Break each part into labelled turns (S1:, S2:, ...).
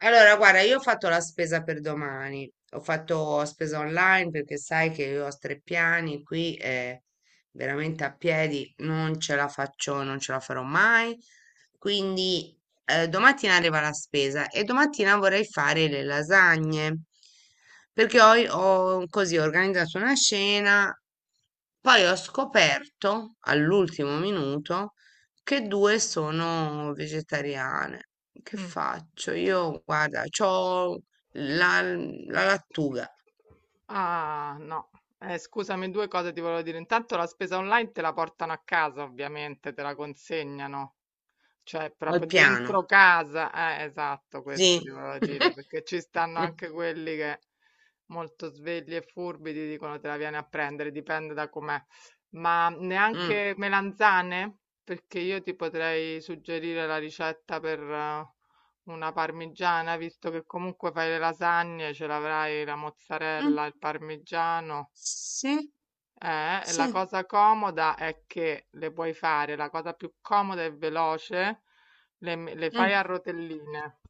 S1: Allora, guarda, io ho fatto la spesa per domani, ho fatto spesa online perché sai che io ho tre piani qui e veramente a piedi non ce la faccio, non ce la farò mai. Quindi domattina arriva la spesa e domattina vorrei fare le lasagne perché ho, ho così organizzato una scena, poi ho scoperto all'ultimo minuto che due sono vegetariane. Che
S2: Mh.
S1: faccio? Io, guarda, c'ho la lattuga
S2: Ah, no. Scusami, 2 cose ti volevo dire. Intanto la spesa online te la portano a casa ovviamente, te la consegnano. Cioè,
S1: al
S2: proprio
S1: piano.
S2: dentro casa, esatto, questo ti
S1: Sì.
S2: volevo dire, perché ci stanno anche quelli che molto svegli e furbi ti dicono te la vieni a prendere, dipende da com'è. Ma
S1: Mm,
S2: neanche melanzane? Perché io ti potrei suggerire la ricetta per una parmigiana, visto che comunque fai le lasagne, ce l'avrai la
S1: mm,
S2: mozzarella, il parmigiano.
S1: Sì,
S2: Eh,
S1: sì.
S2: la cosa comoda è che le puoi fare, la cosa più comoda e veloce, le fai
S1: mm,
S2: a rotelline,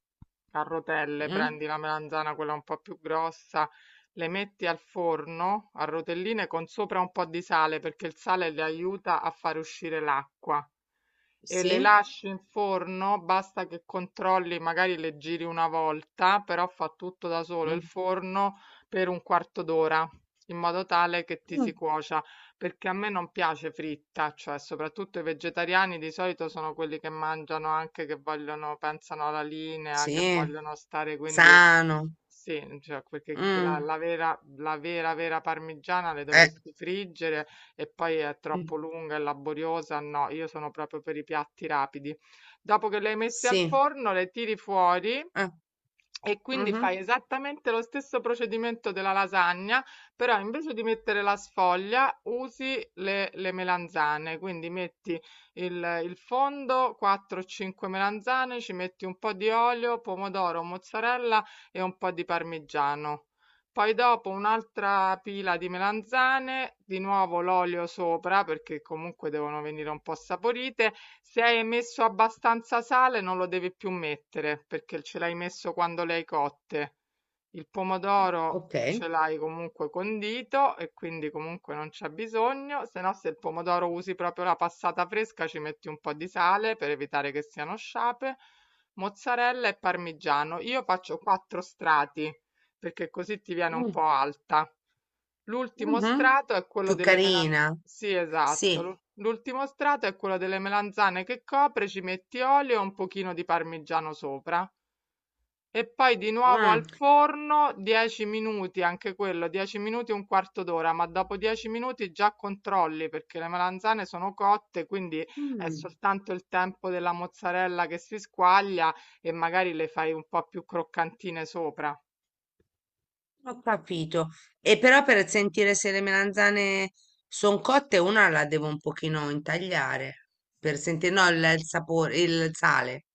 S2: a rotelle,
S1: mm,
S2: prendi la melanzana, quella un po' più grossa, le metti al forno a rotelline con sopra un po' di sale perché il sale le aiuta a far uscire l'acqua e le
S1: Sì.
S2: lasci in forno, basta che controlli, magari le giri una volta, però fa tutto da solo il
S1: mm,
S2: forno per un quarto d'ora in modo tale che ti si
S1: mm,
S2: cuocia, perché a me non piace fritta, cioè soprattutto i vegetariani di solito sono quelli che mangiano anche che vogliono, pensano alla linea, che
S1: Sì.
S2: vogliono stare quindi
S1: Sano.
S2: sì, cioè, perché la,
S1: mm,
S2: la vera, la vera, vera parmigiana le
S1: eh,
S2: dovresti friggere e poi è troppo
S1: mm,
S2: lunga e laboriosa. No, io sono proprio per i piatti rapidi. Dopo che le hai messe al
S1: Sì.
S2: forno, le tiri fuori
S1: eh,
S2: e quindi
S1: mhm,
S2: fai esattamente lo stesso procedimento della lasagna, però invece di mettere la sfoglia usi le melanzane. Quindi metti il fondo, 4-5 melanzane, ci metti un po' di olio, pomodoro, mozzarella e un po' di parmigiano. Poi dopo un'altra pila di melanzane, di nuovo l'olio sopra perché comunque devono venire un po' saporite. Se hai messo abbastanza sale non lo devi più mettere perché ce l'hai messo quando le hai cotte. Il pomodoro
S1: Ok.
S2: ce l'hai comunque condito e quindi comunque non c'è bisogno, se no se il pomodoro usi proprio la passata fresca ci metti un po' di sale per evitare che siano sciape, mozzarella e parmigiano. Io faccio quattro strati perché così ti viene un
S1: mm,
S2: po' alta. L'ultimo
S1: mhm,
S2: strato è quello
S1: Più
S2: delle melan
S1: carina.
S2: sì, esatto.
S1: Sì.
S2: L'ultimo strato è quello delle melanzane che copre, ci metti olio e un pochino di parmigiano sopra. E poi di nuovo al
S1: mm,
S2: forno 10 minuti, anche quello, 10 minuti un quarto d'ora, ma dopo 10 minuti già controlli perché le melanzane sono cotte, quindi è
S1: mm.
S2: soltanto il tempo della mozzarella che si squaglia e magari le fai un po' più croccantine sopra.
S1: Ho capito. E però per sentire se le melanzane sono cotte, una la devo un pochino intagliare per sentire, no, il sapore, il sale.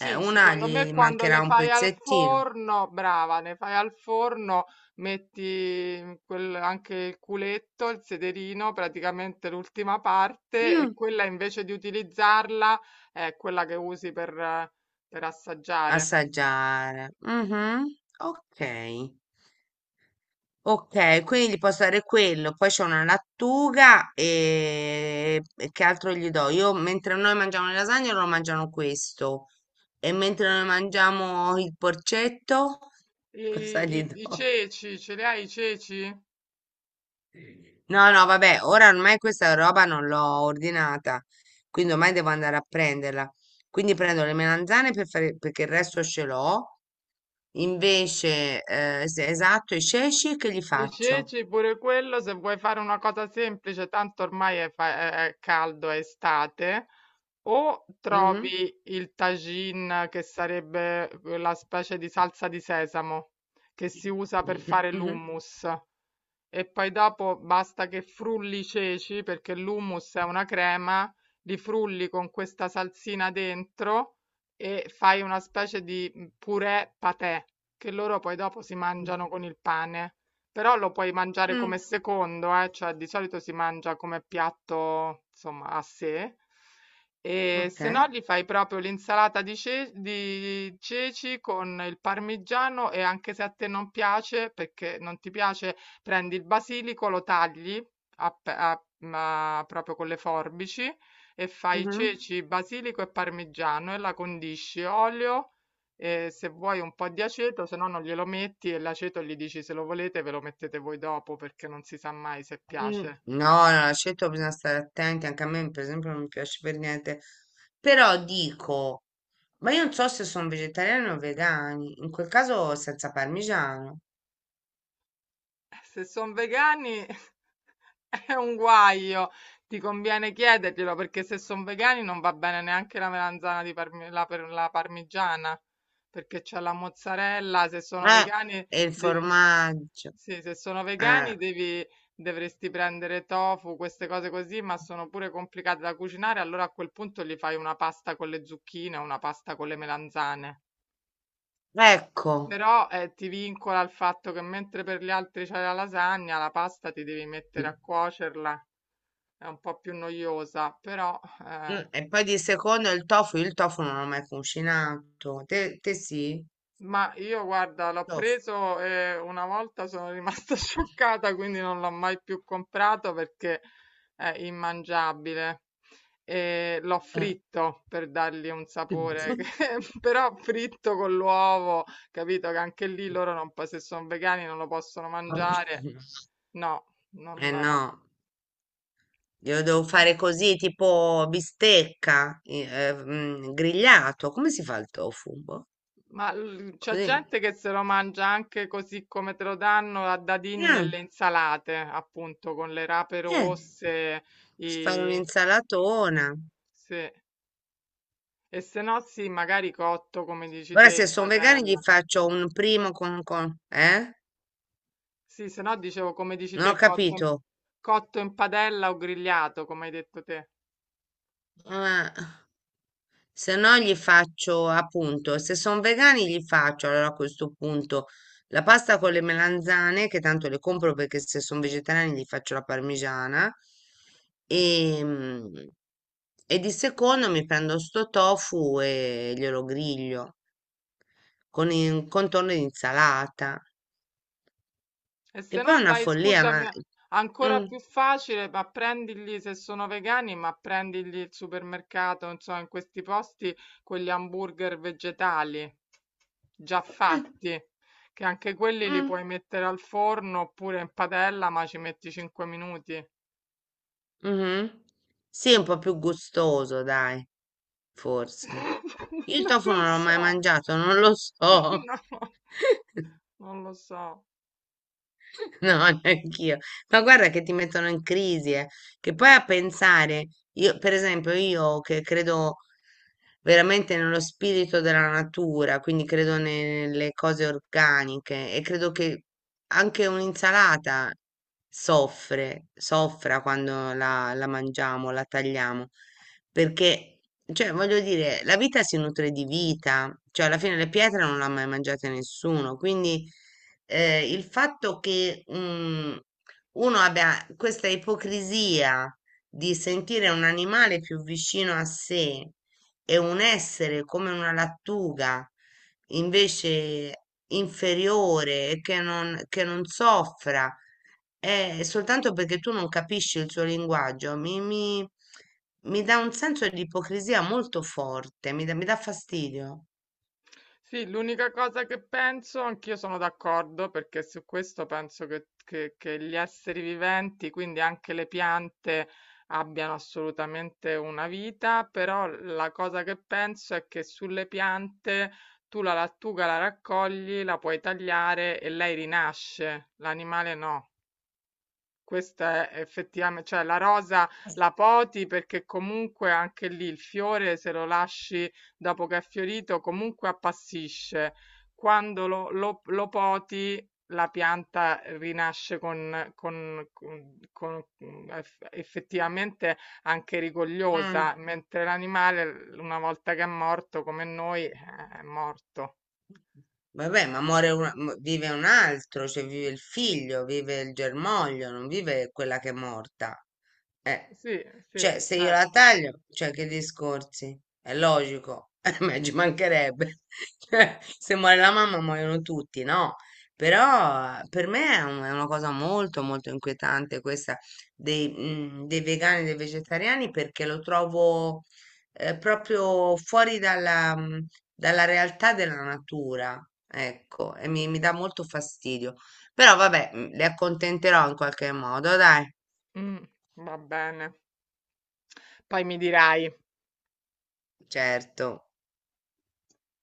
S1: Una
S2: secondo me
S1: gli
S2: quando
S1: mancherà
S2: le
S1: un
S2: fai al
S1: pezzettino.
S2: forno, brava, ne fai al forno, metti anche il culetto, il sederino, praticamente l'ultima parte, e
S1: Mm,
S2: quella invece di utilizzarla è quella che usi per assaggiare.
S1: Assaggiare. Mhm, Ok. Ok, quindi gli posso dare quello. Poi c'è una lattuga e che altro gli do? Io mentre noi mangiamo le lasagne, loro mangiano questo. E mentre noi mangiamo il porcetto.
S2: I,
S1: Cosa gli
S2: i
S1: do?
S2: ceci, ce li hai i ceci?
S1: No, no, vabbè, ora ormai questa roba non l'ho ordinata, quindi ormai devo andare a prenderla. Quindi prendo le melanzane per fare, perché il resto ce l'ho. Invece, esatto, i ceci che gli
S2: I
S1: faccio?
S2: ceci, pure quello, se vuoi fare una cosa semplice, tanto ormai è caldo, è estate. O
S1: Mhm.
S2: trovi il tagine, che sarebbe la specie di salsa di sesamo che si usa per fare
S1: Mhm.
S2: l'hummus, e poi dopo basta che frulli i ceci, perché l'hummus è una crema, li frulli con questa salsina dentro e fai una specie di purè patè, che loro poi dopo si mangiano con il pane. Però lo puoi mangiare come
S1: Mm,
S2: secondo, cioè di solito si mangia come piatto, insomma, a sé. E
S1: ok.
S2: se no gli fai proprio l'insalata di ceci con il parmigiano e anche se a te non piace, perché non ti piace, prendi il basilico, lo tagli ma proprio con le forbici e fai
S1: Mhm.
S2: ceci, basilico e parmigiano e la condisci, olio e se vuoi un po' di aceto, se no non glielo metti e l'aceto gli dici se lo volete ve lo mettete voi dopo perché non si sa mai se
S1: Mm.
S2: piace.
S1: No, no, l'aceto bisogna stare attenti, anche a me per esempio non mi piace per niente, però dico, ma io non so se sono vegetariani o vegani, in quel caso senza parmigiano.
S2: Se sono vegani è un guaio, ti conviene chiederglielo perché se sono vegani non va bene neanche la melanzana di la parmigiana perché c'è la mozzarella, se sono
S1: Eh,
S2: vegani
S1: e il
S2: devi...
S1: formaggio.
S2: Sì, se sono vegani
S1: Eh,
S2: dovresti prendere tofu, queste cose così, ma sono pure complicate da cucinare, allora a quel punto gli fai una pasta con le zucchine, una pasta con le melanzane.
S1: ecco.
S2: Però ti vincola il fatto che mentre per gli altri c'è la lasagna, la pasta ti devi mettere
S1: Mm,
S2: a cuocerla, è un po' più noiosa, però eh,
S1: e poi di secondo il tofu, io il tofu non l'ho mai cucinato. Te, te sì?
S2: Ma io guarda, l'ho
S1: Tofu.
S2: preso e una volta sono rimasta scioccata, quindi non l'ho mai più comprato perché è immangiabile. E l'ho
S1: Eh.
S2: fritto per dargli un sapore, però fritto con l'uovo, capito? Che anche lì loro non, se sono vegani non lo possono mangiare. No,
S1: Eh
S2: non.
S1: no, io devo fare così, tipo bistecca, grigliato. Come si fa il tofu? Boh,
S2: Ma c'è
S1: così.
S2: gente che se lo mangia anche così come te lo danno a dadini
S1: Eh,
S2: nelle insalate, appunto, con le rape
S1: eh,
S2: rosse,
S1: posso fare
S2: i-
S1: un'insalatona.
S2: sì. E se no sì, magari cotto, come dici
S1: Guarda,
S2: te,
S1: se
S2: in
S1: sono vegani gli
S2: padella.
S1: faccio un primo con?
S2: Sì, se no dicevo, come dici
S1: Non ho
S2: te,
S1: capito.
S2: cotto in padella o grigliato, come hai detto te.
S1: Eh, se no gli faccio appunto, se sono vegani gli faccio allora a questo punto la pasta con le melanzane, che tanto le compro perché se sono vegetariani gli faccio la parmigiana. E, mm, e di secondo mi prendo sto tofu e glielo griglio con il contorno di insalata.
S2: E
S1: Che
S2: se
S1: poi è
S2: no
S1: una
S2: vai,
S1: follia, ma...
S2: scusami, ancora
S1: Mm,
S2: più facile, ma prendigli se sono vegani, ma prendigli il supermercato, insomma, in questi posti quegli hamburger vegetali già
S1: mm,
S2: fatti, che anche quelli li
S1: mm.
S2: puoi mettere al forno oppure in padella, ma ci metti 5 minuti.
S1: Mh-mh. Sì, è un po' più gustoso dai, forse. Io il
S2: Non
S1: tofu
S2: lo
S1: non l'ho mai
S2: so.
S1: mangiato, non lo so.
S2: No, non lo so.
S1: No, neanch'io. Ma guarda che ti mettono in crisi, eh. Che poi a pensare, io, per esempio, io che credo veramente nello spirito della natura, quindi credo nelle cose organiche e credo che anche un'insalata soffra quando la mangiamo, la tagliamo, perché, cioè, voglio dire, la vita si nutre di vita, cioè alla fine le pietre non l'ha mai mangiate nessuno, quindi il fatto che mm, uno abbia questa ipocrisia di sentire un animale più vicino a sé e un essere come una lattuga invece inferiore e che non soffra, è soltanto perché tu non capisci il suo linguaggio, mi dà un senso di ipocrisia molto forte, mi dà fastidio.
S2: Sì, l'unica cosa che penso, anch'io sono d'accordo, perché su questo penso che gli esseri viventi, quindi anche le piante, abbiano assolutamente una vita, però la cosa che penso è che sulle piante tu la lattuga la raccogli, la puoi tagliare e lei rinasce, l'animale no. Questa è effettivame cioè la rosa la poti perché comunque anche lì il fiore se lo lasci dopo che è fiorito comunque appassisce. Quando lo poti la pianta rinasce con effettivamente anche
S1: Mm.
S2: rigogliosa, mentre l'animale l una volta che è morto come noi, è morto.
S1: Vabbè, vive un altro, cioè vive il figlio, vive il germoglio, non vive quella che è morta. Eh,
S2: Sì, sì,
S1: cioè se io la
S2: certo.
S1: taglio, cioè che discorsi? È logico, ma ci mancherebbe. Cioè, se muore la mamma muoiono tutti, no? Però per me è una cosa molto molto inquietante questa dei vegani e dei vegetariani perché lo trovo proprio fuori dalla, dalla realtà della natura, ecco, e mi dà molto fastidio. Però vabbè, le accontenterò in qualche modo, dai,
S2: Mh, va bene. Poi mi dirai.
S1: certo.